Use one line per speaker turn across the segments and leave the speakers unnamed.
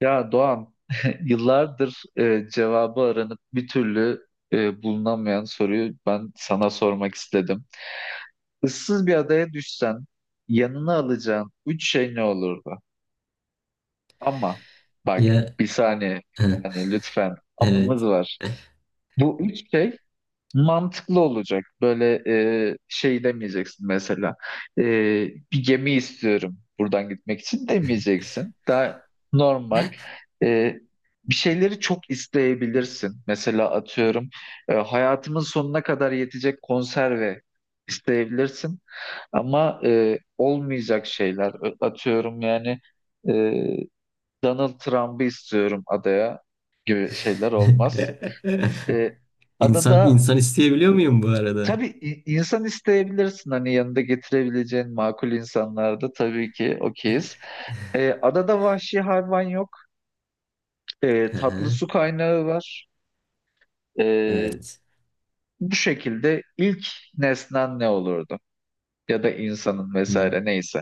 Ya Doğan, yıllardır cevabı aranıp bir türlü bulunamayan soruyu ben sana sormak istedim. Issız bir adaya düşsen yanına alacağın üç şey ne olurdu? Ama bak,
Ya.
bir saniye, yani lütfen amamız
Evet.
var. Bu üç şey mantıklı olacak. Böyle şey demeyeceksin mesela. E, Bir gemi istiyorum buradan gitmek için demeyeceksin. Daha normal. E, Bir şeyleri çok isteyebilirsin. Mesela atıyorum hayatımın sonuna kadar yetecek konserve isteyebilirsin. Ama olmayacak şeyler. Atıyorum yani e, Donald Trump'ı istiyorum adaya gibi şeyler olmaz. E,
İnsan
Adada
insan isteyebiliyor muyum bu arada?
tabii insan isteyebilirsin, hani yanında getirebileceğin makul insanlarda tabii ki okeyiz. Adada vahşi hayvan yok.
Hı
Tatlı
hı.
su kaynağı var. Ee,
Evet.
Bu şekilde ilk nesnen ne olurdu? Ya da insanın
Hı.
vesaire neyse.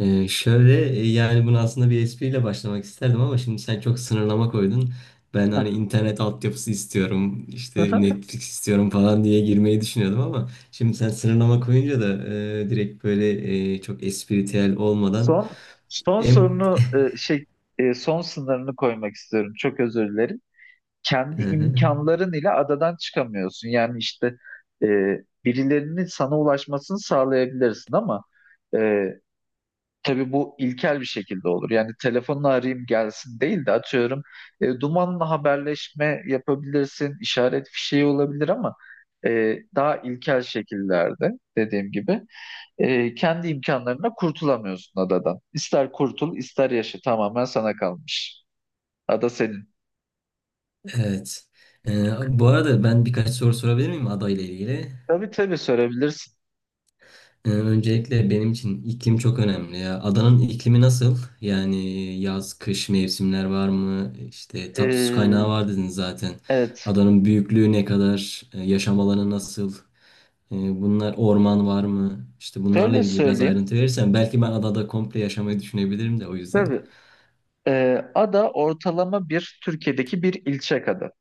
Şöyle, yani bunu aslında bir espriyle başlamak isterdim ama şimdi sen çok sınırlama koydun. Ben hani internet altyapısı istiyorum, işte Netflix istiyorum falan diye girmeyi düşünüyordum ama şimdi sen sınırlama koyunca da direkt böyle, çok espritüel olmadan
Son son
em
sorunu son sınırını koymak istiyorum. Çok özür dilerim. Kendi
Hı hı.
imkanların ile adadan çıkamıyorsun. Yani işte e, birilerinin sana ulaşmasını sağlayabilirsin, ama e, tabii bu ilkel bir şekilde olur. Yani telefonla arayayım gelsin değil de, atıyorum, dumanla haberleşme yapabilirsin, işaret fişeği olabilir, ama daha ilkel şekillerde. Dediğim gibi, kendi imkanlarına kurtulamıyorsun adadan. İster kurtul, ister yaşa, tamamen sana kalmış. Ada senin.
Evet. Bu arada, ben birkaç soru sorabilir miyim ada ile ilgili?
Tabii tabii, sorabilirsin.
Öncelikle benim için iklim çok önemli ya. Adanın iklimi nasıl? Yani yaz, kış mevsimler var mı? İşte tatlı su kaynağı
Ee,
var dedin zaten.
Evet.
Adanın büyüklüğü ne kadar? Yaşam alanı nasıl? Ee, Bunlar, orman var mı? İşte bunlarla
Şöyle
ilgili biraz
söyleyeyim.
ayrıntı verirsen belki ben adada komple yaşamayı düşünebilirim de o yüzden.
Tabii. e, Ada ortalama bir Türkiye'deki bir ilçe kadar.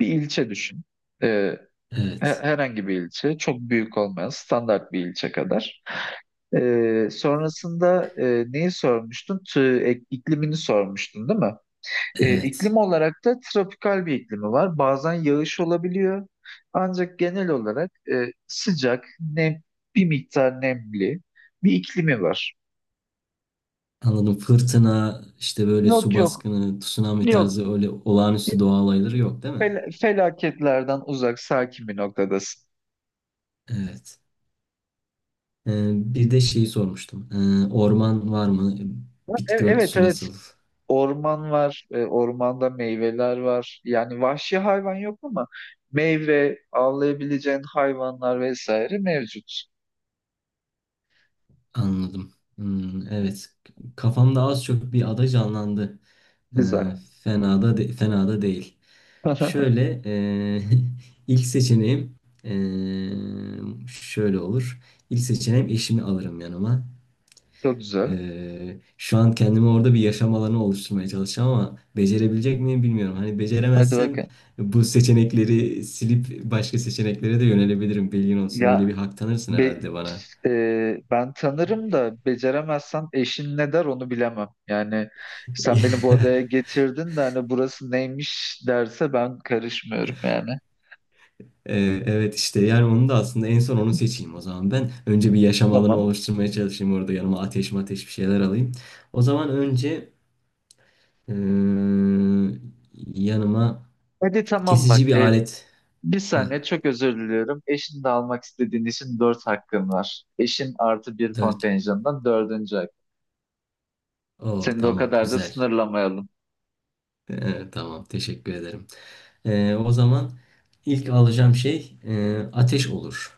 Bir ilçe düşün. E,
Evet.
Herhangi bir ilçe. Çok büyük olmayan standart bir ilçe kadar. Sonrasında neyi sormuştun? İklimini sormuştun değil mi? İklim
Evet.
olarak da tropikal bir iklimi var. Bazen yağış olabiliyor. Ancak genel olarak sıcak, bir miktar nemli bir iklimi var.
Anladım. Fırtına, işte böyle
Yok
su
yok.
baskını, tsunami
Yok.
tarzı öyle olağanüstü doğa olayları yok değil mi?
Felaketlerden uzak, sakin bir noktadasın.
Evet. Bir de şeyi sormuştum. Orman var mı?
Ha,
Bitki
evet
örtüsü
evet.
nasıl?
Orman var, ormanda meyveler var. Yani vahşi hayvan yok ama meyve, avlayabileceğin hayvanlar vesaire mevcut.
Anladım. Hmm, evet. Kafamda az çok bir ada canlandı. Ee,
Güzel.
Fena da fena da değil. Şöyle, ilk seçeneğim şöyle olur. İlk seçeneğim eşimi alırım yanıma.
Çok güzel.
Şu an kendime orada bir yaşam alanı oluşturmaya çalışacağım ama becerebilecek miyim bilmiyorum. Hani
Hadi
beceremezsem
bakın.
bu seçenekleri silip başka seçeneklere de yönelebilirim. Bilgin olsun. Öyle bir
Ya
hak tanırsın
be-
herhalde bana.
Ben tanırım da beceremezsem eşin ne der onu bilemem. Yani sen beni bu adaya getirdin de hani burası neymiş derse, ben karışmıyorum yani.
Evet, işte yani onu da aslında en son onu seçeyim o zaman ben. Önce bir yaşam alanı
Tamam.
oluşturmaya çalışayım orada, yanıma ateş mateş bir şeyler alayım. O zaman önce ee, yanıma
Hadi tamam, bak.
kesici bir alet.
Bir
Heh,
saniye, çok özür diliyorum. Eşin de almak istediğin için dört hakkın var. Eşin artı bir
dört.
kontenjandan dördüncü hak.
Oo,
Seni de o
tamam,
kadar da
güzel.
sınırlamayalım.
Tamam, teşekkür ederim. O zaman ilk alacağım şey, ateş olur.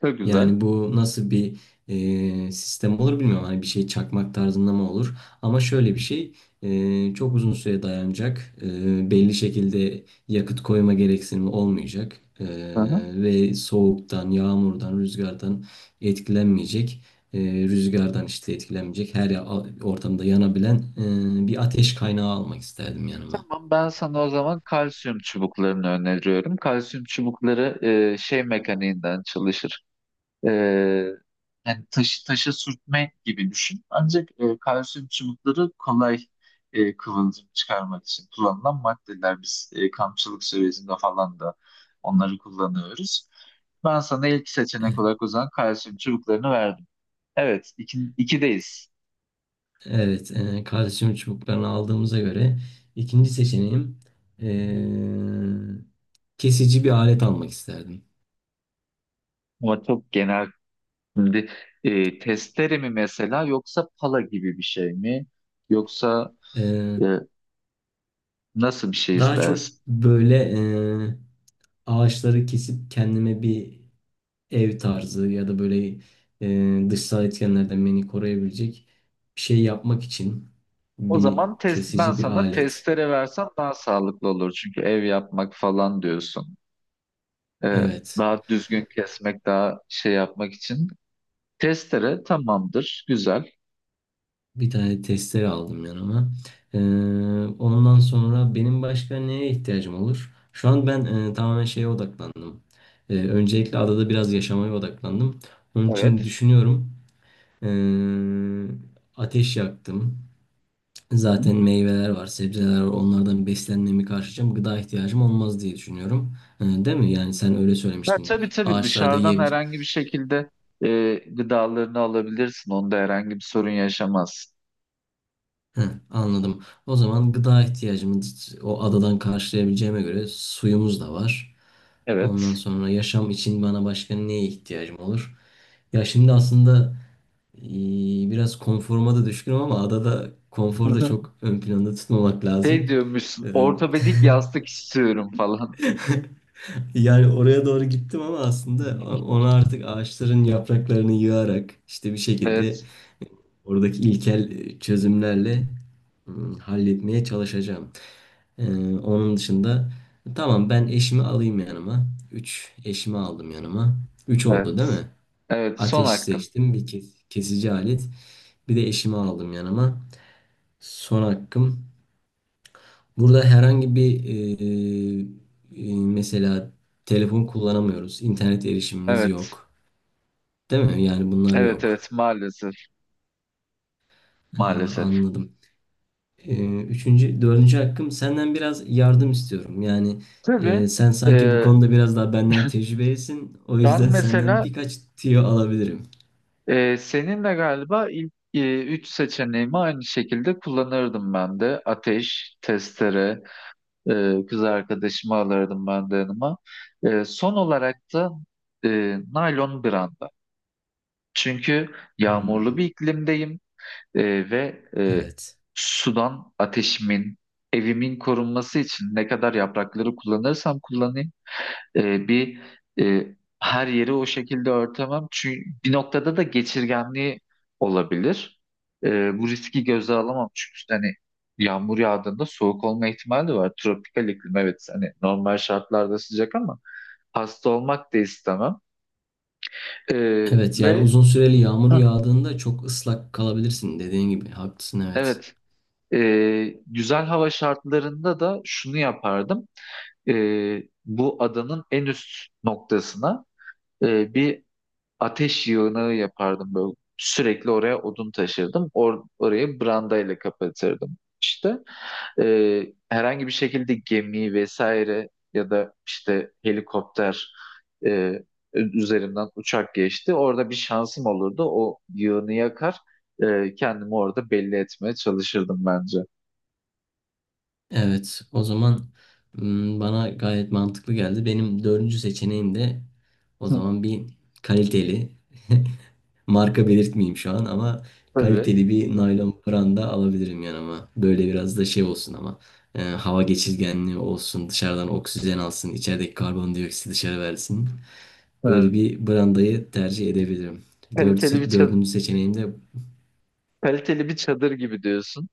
Çok güzel.
Yani bu nasıl bir sistem olur bilmiyorum. Hani bir şey çakmak tarzında mı olur? Ama şöyle bir şey, çok uzun süre dayanacak. Belli şekilde yakıt koyma gereksinimi olmayacak.
Hı hı.
Ve soğuktan, yağmurdan, rüzgardan etkilenmeyecek. Rüzgardan işte etkilenmeyecek. Her ortamda yanabilen bir ateş kaynağı almak isterdim yanıma.
Tamam, ben sana o zaman kalsiyum çubuklarını öneriyorum. Kalsiyum çubukları şey mekaniğinden çalışır. Ee, yani taşı taşa sürtme gibi düşün. Ancak kalsiyum çubukları kolay kıvılcım çıkarmak için kullanılan maddeler. Biz kampçılık sürecinde falan da onları kullanıyoruz. Ben sana ilk seçenek olarak o zaman kalsiyum çubuklarını verdim. Evet, iki, ikideyiz.
Evet, kardeşimin çubuklarını aldığımıza göre ikinci seçeneğim, e, kesici bir alet almak isterdim.
Ama çok genel. Şimdi testere mi mesela, yoksa pala gibi bir şey mi? Yoksa
E,
e, Nasıl bir şey
Daha çok
istersin?
böyle, e, ağaçları kesip kendime bir ev tarzı ya da böyle, dışsal etkenlerden beni koruyabilecek bir şey yapmak için
O
bir
zaman ben
kesici bir
sana
alet.
testere versem daha sağlıklı olur. Çünkü ev yapmak falan diyorsun. Ee,
Evet.
daha düzgün kesmek, daha şey yapmak için. Testere tamamdır, güzel.
Bir tane testere aldım yanıma. Ee, Ondan sonra benim başka neye ihtiyacım olur? Şu an ben, tamamen şeye odaklandım. Öncelikle adada biraz yaşamaya odaklandım. Onun için
Evet.
düşünüyorum. Ee, Ateş yaktım.
Hı-hı.
Zaten meyveler var, sebzeler var. Onlardan beslenmemi karşılayacağım. Gıda ihtiyacım olmaz diye düşünüyorum. Değil mi? Yani sen öyle
Ha,
söylemiştin.
tabii tabii,
Ağaçlarda
dışarıdan
yiye-
herhangi bir şekilde gıdalarını alabilirsin. Onda herhangi bir sorun yaşamazsın.
Heh, anladım. O zaman gıda ihtiyacımı o adadan karşılayabileceğime göre suyumuz da var. Ondan
Evet.
sonra yaşam için bana başka neye ihtiyacım olur? Ya şimdi aslında, biraz konforuma da düşkünüm ama adada konforu da çok ön planda tutmamak
Şey
lazım. Eee,
diyormuşsun, ortopedik yastık istiyorum falan.
Yani oraya doğru gittim ama aslında onu artık ağaçların yapraklarını yığarak işte bir şekilde
Evet,
oradaki ilkel çözümlerle halletmeye çalışacağım. Ee, Onun dışında, tamam, ben eşimi alayım yanıma. Üç, eşimi aldım yanıma. Üç oldu
evet.
değil mi?
Evet, son
Ateş
hakkın.
seçtim. Bir kesici alet. Bir de eşimi aldım yanıma. Son hakkım. Burada herhangi bir, mesela telefon kullanamıyoruz. İnternet erişimimiz
Evet,
yok. Değil mi? Yani bunlar
evet,
yok.
evet maalesef.
Ee,
Maalesef.
Anladım. Üçüncü, dördüncü hakkım, senden biraz yardım istiyorum. Yani
Tabii.
sen sanki bu
e,
konuda biraz daha benden tecrübelisin. O
Ben
yüzden senden
mesela
birkaç tüyo alabilirim.
seninle galiba ilk üç seçeneğimi aynı şekilde kullanırdım ben de. Ateş, testere, kız arkadaşımı alırdım ben de yanıma. Son olarak da e, naylon branda. Çünkü yağmurlu
Hmm,
bir iklimdeyim, e, ve e,
evet.
sudan ateşimin, evimin korunması için ne kadar yaprakları kullanırsam kullanayım, e, bir e, her yeri o şekilde örtemem. Çünkü bir noktada da geçirgenliği olabilir. Bu riski göze alamam. Çünkü işte hani yağmur yağdığında soğuk olma ihtimali de var. Tropikal iklim, evet, hani normal şartlarda sıcak ama hasta olmak da istemem. E,
Evet, yani
ve
uzun süreli yağmur
Hah.
yağdığında çok ıslak kalabilirsin dediğin gibi. Haklısın, evet.
Evet, e, güzel hava şartlarında da şunu yapardım: e, bu adanın en üst noktasına bir ateş yığını yapardım böyle. Sürekli oraya odun taşırdım. Orayı brandayla kapatırdım. İşte herhangi bir şekilde gemi vesaire, ya da işte helikopter, e, üzerinden uçak geçti, orada bir şansım olurdu. O yığını yakar, kendimi orada belli etmeye çalışırdım bence.
Evet, o zaman, bana gayet mantıklı geldi. Benim dördüncü seçeneğim de o
Hı.
zaman bir kaliteli marka belirtmeyeyim şu an, ama
Tabii.
kaliteli bir naylon branda alabilirim yanıma. Böyle biraz da şey olsun, ama hava geçirgenliği olsun, dışarıdan oksijen alsın, içerideki karbondioksiti dışarı versin. Böyle
Hı.
bir brandayı tercih edebilirim.
Kaliteli bir çadır,
Dördüncü seçeneğim de.
kaliteli bir çadır gibi diyorsun.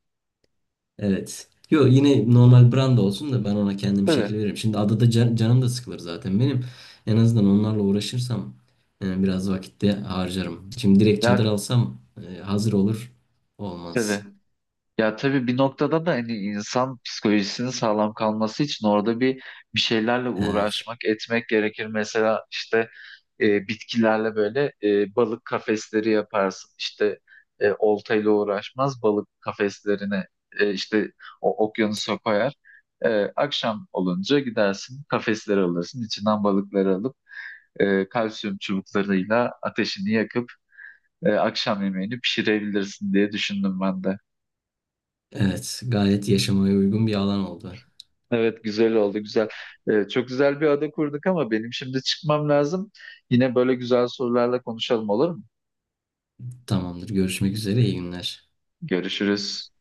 Evet. Yo, yine normal brand olsun da ben ona kendim
Tabii.
şekil veririm. Şimdi adada canım da sıkılır zaten benim. En azından onlarla uğraşırsam biraz vakitte harcarım. Şimdi direkt çadır
Ya,
alsam hazır olur.
tabii.
Olmaz.
Ya, tabii, bir noktada da hani insan psikolojisinin sağlam kalması için orada bir şeylerle
Evet.
uğraşmak, etmek gerekir. Mesela işte bitkilerle böyle balık kafesleri yaparsın. İşte oltayla uğraşmaz, balık kafeslerine e, işte o okyanusa koyar. E, Akşam olunca gidersin, kafesleri alırsın, içinden balıkları alıp kalsiyum çubuklarıyla ateşini yakıp akşam yemeğini pişirebilirsin diye düşündüm ben de.
Evet. Gayet yaşamaya uygun bir alan oldu.
Evet, güzel oldu, güzel. Çok güzel bir ada kurduk ama benim şimdi çıkmam lazım. Yine böyle güzel sorularla konuşalım, olur mu?
Tamamdır. Görüşmek üzere. İyi günler.
Görüşürüz.